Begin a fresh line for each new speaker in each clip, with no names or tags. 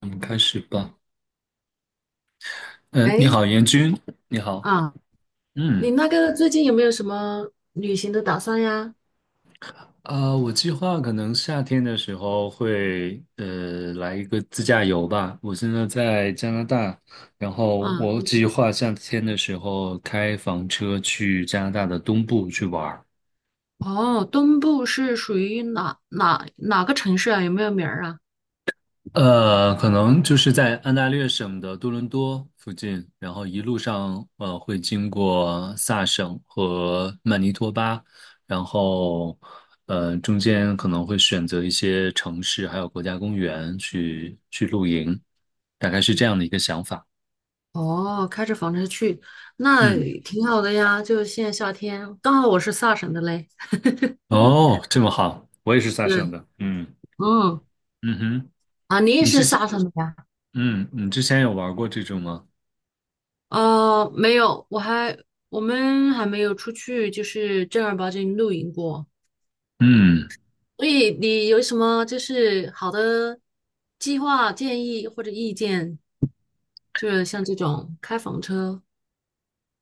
我们开始吧。嗯，你
哎
好，严军，你好。
啊，
嗯，
你那个最近有没有什么旅行的打算呀？
我计划可能夏天的时候会来一个自驾游吧。我现在在加拿大，然后
啊，
我计划夏天的时候开房车去加拿大的东部去玩儿。
哦，东部是属于哪个城市啊？有没有名儿啊？
可能就是在安大略省的多伦多附近，然后一路上会经过萨省和曼尼托巴，然后中间可能会选择一些城市还有国家公园去露营，大概是这样的一个想法。
哦，开着房车去，那
嗯，
挺好的呀。就现在夏天，刚好我是萨省的嘞。
哦，这么好，我也是萨省
对，
的。嗯
嗯，
嗯哼，
啊，你也
你
是
之前
萨省的呀？
你之前有玩过这种吗？
呃，没有，我们还没有出去，就是正儿八经露营过。
嗯。
所以你有什么就是好的计划、建议或者意见？就是像这种开房车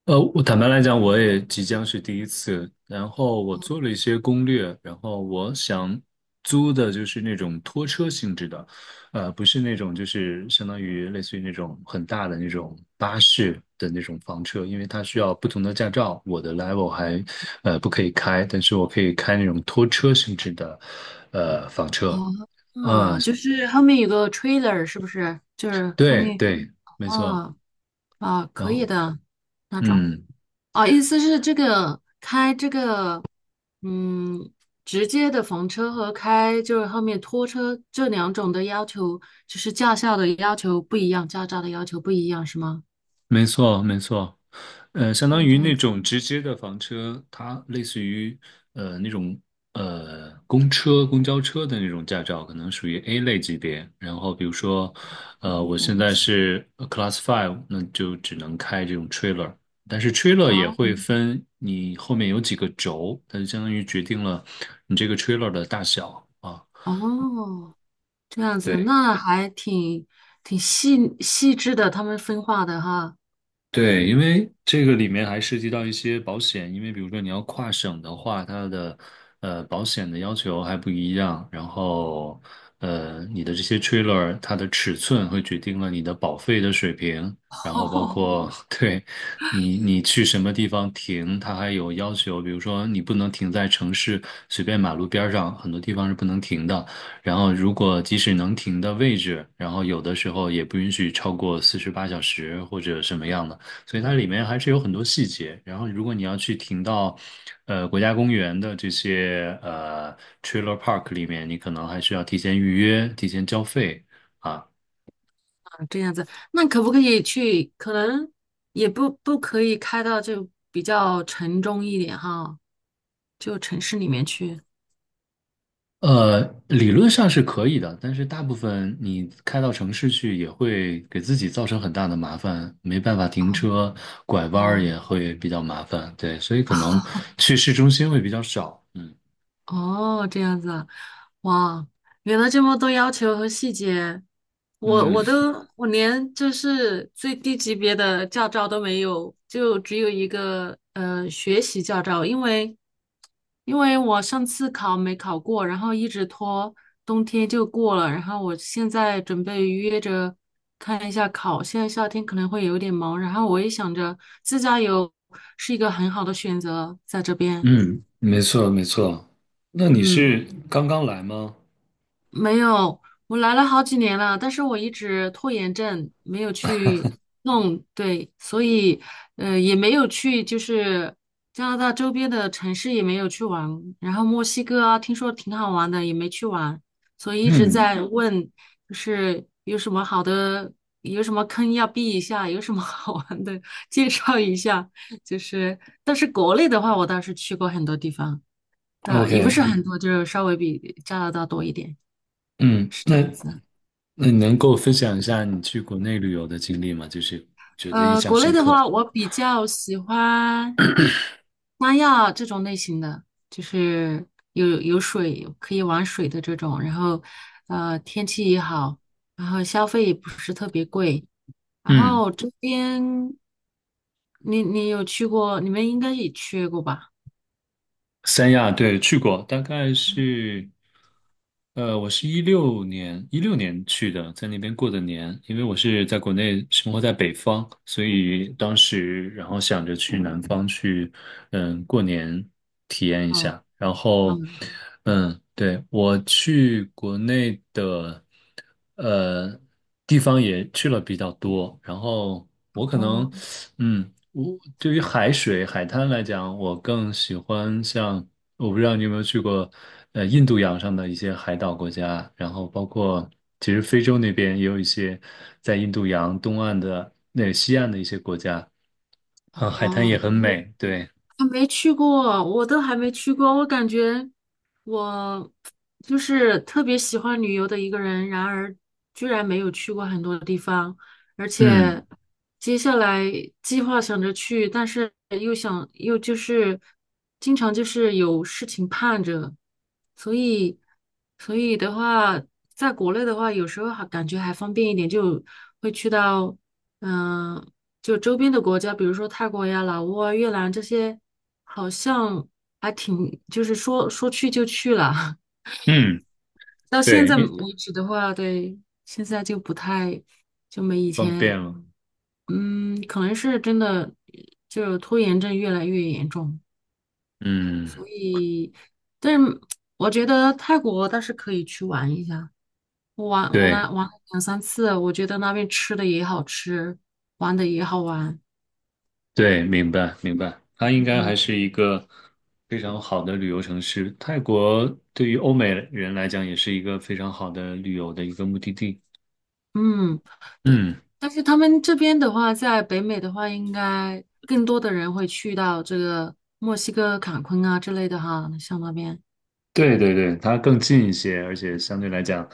我坦白来讲，我也即将是第一次。然后我做了一些攻略，然后我想租的就是那种拖车性质的，不是那种就是相当于类似于那种很大的那种巴士的那种房车，因为它需要不同的驾照，我的 level 还不可以开，但是我可以开那种拖车性质的房车。
哦，
啊，
啊，就是后面有个 trailer，是不是？就是后
对
面
对，没错。
啊啊，
然
可以
后
的那种
嗯。
啊，意思是这个开这个嗯，直接的房车和开就是后面拖车这两种的要求，就是驾校的要求不一样，驾照的要求不一样，是吗？
没错，没错，相当
哦，
于
这样
那
子
种直接的房车，它类似于那种公车、公交车的那种驾照，可能属于 A 类级别。然后比如说，
有
我
点儿
现在是Class Five,那就只能开这种 trailer。但是 trailer 也
好
会分你后面有几个轴，它就相当于决定了你这个 trailer 的大小啊。
哦，这样子
对。
那还挺细致的，他们分化的哈。
对，因为这个里面还涉及到一些保险，因为比如说你要跨省的话，它的保险的要求还不一样，然后你的这些 trailer 它的尺寸会决定了你的保费的水平，然后包
哦，
括 对你去什么地方停，它还有要求，比如说你不能停在城市随便马路边儿上，很多地方是不能停的。然后，如果即使能停的位置，然后有的时候也不允许超过48小时或者什么样的。所以它里面还是有很多细节。然后，如果你要去停到，国家公园的这些trailer park 里面，你可能还需要提前预约、提前交费啊。
啊这样子，那可不可以去？可能也不可以开到就比较城中一点哈，就城市里面去。
呃，理论上是可以的，但是大部分你开到城市去也会给自己造成很大的麻烦，没办法停车，拐弯儿也
哦，
会比较麻烦。对，所以可能 去市中心会比较少。嗯
哦，这样子啊，哇，原来这么多要求和细节，
嗯
我连就是最低级别的驾照都没有，就只有一个呃学习驾照，因为我上次考没考过，然后一直拖，冬天就过了，然后我现在准备约着看一下考，现在夏天可能会有点忙，然后我也想着自驾游是一个很好的选择，在这边，
嗯，没错没错。那你
嗯。
是刚刚来吗？
没有，我来了好几年了，但是我一直拖延症，没有去弄，对，所以呃也没有去，就是加拿大周边的城市也没有去玩，然后墨西哥啊，听说挺好玩的，也没去玩，所以一直
嗯。
在问，就是有什么好的，有什么坑要避一下，有什么 好玩的介绍一下，就是，但是国内的话，我倒是去过很多地方，但也不
OK,
是很多，就是稍微比加拿大多一点。
嗯，
是这
那
样子。
那你能够分享一下你去国内旅游的经历吗？就是觉得印
呃，
象
国内
深
的
刻。
话，我比较喜欢三亚这种类型的，就是有水可以玩水的这种，然后呃天气也好，然后消费也不是特别贵，然
嗯。
后这边你有去过，你们应该也去过吧？
三亚对去过，大概是我是一六年去的，在那边过的年，因为我是在国内生活在北方，所以当时然后想着去南方去，过年体验一
嗯
下。然后，
嗯
嗯，对，我去国内的呃地方也去了比较多，然后我可
哦，
能嗯。我对于海水、海滩来讲，我更喜欢像，我不知道你有没有去过，印度洋上的一些海岛国家，然后包括其实非洲那边也有一些在印度洋东岸的那个西岸的一些国家，啊，海滩
嗯，
也很美，对，
还没去过，我都还没去过。我感觉我就是特别喜欢旅游的一个人，然而居然没有去过很多地方，而
嗯
且接下来计划想着去，但是又想又就是经常就是有事情盼着，所以所以的话，在国内的话，有时候还感觉还方便一点，就会去到。嗯。就周边的国家，比如说泰国呀、老挝啊、越南这些，好像还挺，就是说说去就去了。
嗯，
到现
对，
在
因
为止的话，对，现在就不太，就没以
方便
前，
了，
嗯，可能是真的，就拖延症越来越严重，
嗯，
所以，但是我觉得泰国倒是可以去玩一下。我来
对。
玩了两三次，我觉得那边吃的也好吃，玩的也好玩，
对，明白明白，它应该还
嗯。
是一个非常好的旅游城市。泰国对于欧美人来讲，也是一个非常好的旅游的一个目的地。
嗯，对，
嗯，
但是他们这边的话，在北美的话，应该更多的人会去到这个墨西哥坎昆啊之类的哈，像那边
对对对，它更近一些，而且相对来讲，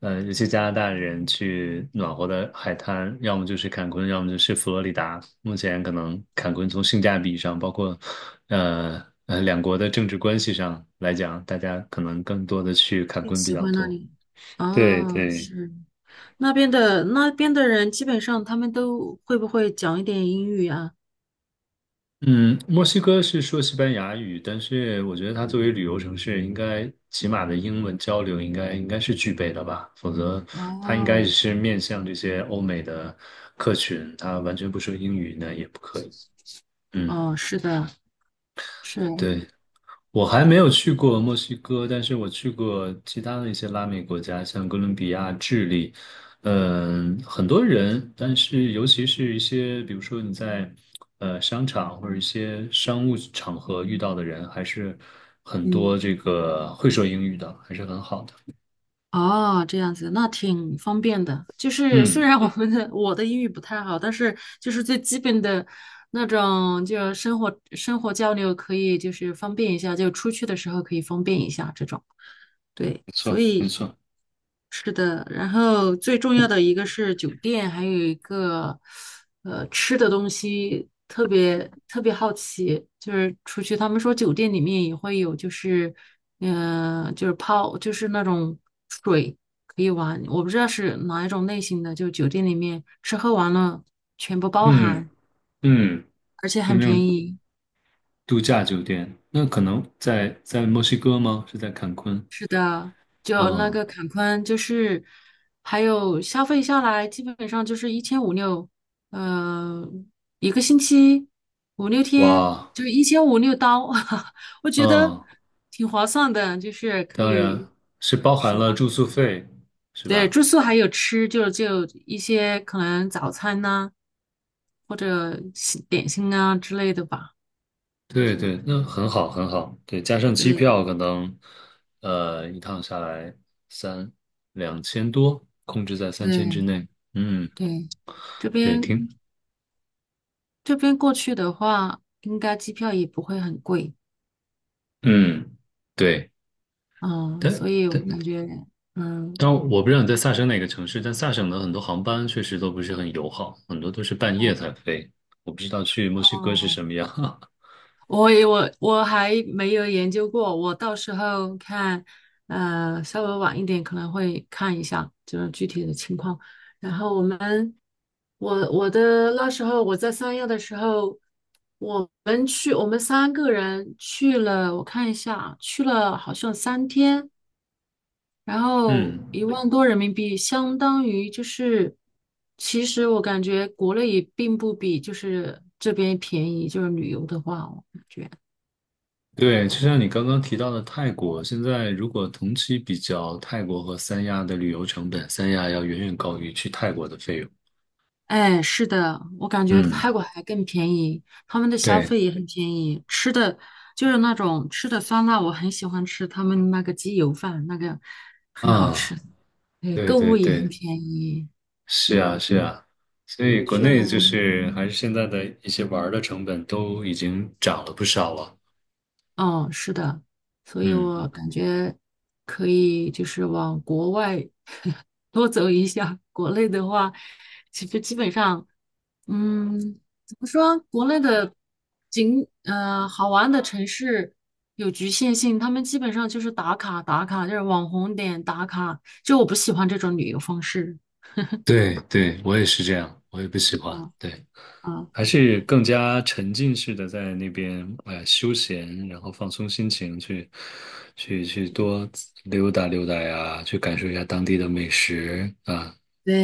尤其加拿大人去暖和的海滩，要么就是坎昆，要么就是佛罗里达。目前可能坎昆从性价比上，包括两国的政治关系上来讲，大家可能更多的去坎
更
昆比
喜
较
欢那
多。
里。
对
哦，
对。
是那边的人，基本上他们都会不会讲一点英语啊？
嗯，墨西哥是说西班牙语，但是我觉得它作为旅游城市，应该起码的英文交流应该是具备的吧，否则它应该
哦，
是面向这些欧美的客群，它完全不说英语那也不可以。嗯，
哦，是的，是，
对。我还没有去过墨西哥，但是我去过其他的一些拉美国家，像哥伦比亚、智利，很多人，但是尤其是一些，比如说你在商场或者一些商务场合遇到的人，还是很
嗯。
多这个会说英语的，还是很好的。
哦，这样子，那挺方便的。就是虽
嗯，
然我的英语不太好，但是就是最基本的那种，就生活交流可以就是方便一下，就出去的时候可以方便一下这种。对。
没错，没错。
是的，然后最重要的一个是酒店，还有一个呃吃的东西，特别特别好奇，就是出去他们说酒店里面也会有，就是嗯、呃就是泡就是那种水可以玩，我不知道是哪一种类型的，就酒店里面吃喝玩乐全部包
嗯
含，
嗯，
而且
就
很
那种
便宜。
度假酒店，那可能在墨西哥吗？是在坎昆？
是的，就那
嗯，
个坎昆，就是还有消费下来，基本上就是一千五六，呃，一个星期五六天，
哇，
就一千五六刀，我觉得
嗯。
挺划算的，就是可
当
以，
然是包含
是
了
吧？
住宿费，是
对，
吧？
住宿还有吃，就一些可能早餐呐、或者西点心啊之类的吧，
对
就是
对，那很好很好。对，加上机
对
票，可能一趟下来三两千多，控制在3000之
对
内。嗯，
对，这
对，
边
听。
这边过去的话，应该机票也不会很贵，
嗯对，
嗯，
但
所以我
但
感觉，嗯，
但我不知道你在萨省哪个城市，但萨省的很多航班确实都不是很友好，很多都是半夜
哦，
才飞。我不知道去墨西哥是什么
哦
样。
我也我我还没有研究过，我到时候看，呃，稍微晚一点可能会看一下，就是具体的情况。然后我们，我我的那时候我在三亚的时候，我们去，我们三个人去了，我看一下啊，去了好像3天。然 后
嗯
1万多人民币相当于就是，其实我感觉国内也并不比就是这边便宜，就是旅游的话，我感觉，
对，就像你刚刚提到的泰国，现在如果同期比较，泰国和三亚的旅游成本，三亚要远远高于去泰国的费用。
哎，是的，我感觉泰
嗯，
国还更便宜，他们的消
对，
费也很便宜，吃的就是那种吃的酸辣，我很喜欢吃他们那个鸡油饭，那个很好吃，
啊，
对，
对
购
对
物也很
对，
便宜，
是啊是啊，所以国
去了，
内就是还是现在的一些玩儿的成本都已经涨了不少了。
嗯，是的，所以我
嗯，
感觉可以就是往国外。多走一下。国内的话，其实基本上，嗯，怎么说？国内的景，呃，好玩的城市有局限性，他们基本上就是打卡打卡，就是网红点打卡。就我不喜欢这种旅游方式。
对对，我也是这样，我也不喜欢。
啊
对。
啊，
还是更加沉浸式的在那边，哎，休闲，然后放松心情，去多溜达溜达呀，去感受一下当地的美食啊，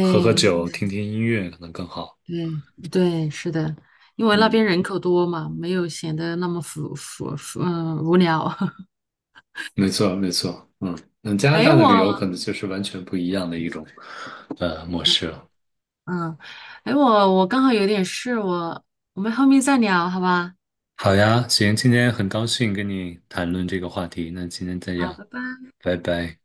喝喝酒，听听音乐可能更好。
对对，是的，因为那边
嗯，
人口多嘛，没有显得那么浮，嗯，无聊。
没错，没错。嗯，那加拿
哎，
大的旅游
我，
可能就是完全不一样的一种模式了。
嗯，哎，我刚好有点事，我们后面再聊，好吧？
好呀，行，今天很高兴跟你谈论这个话题，那今天这
好，
样，
拜拜。
拜拜。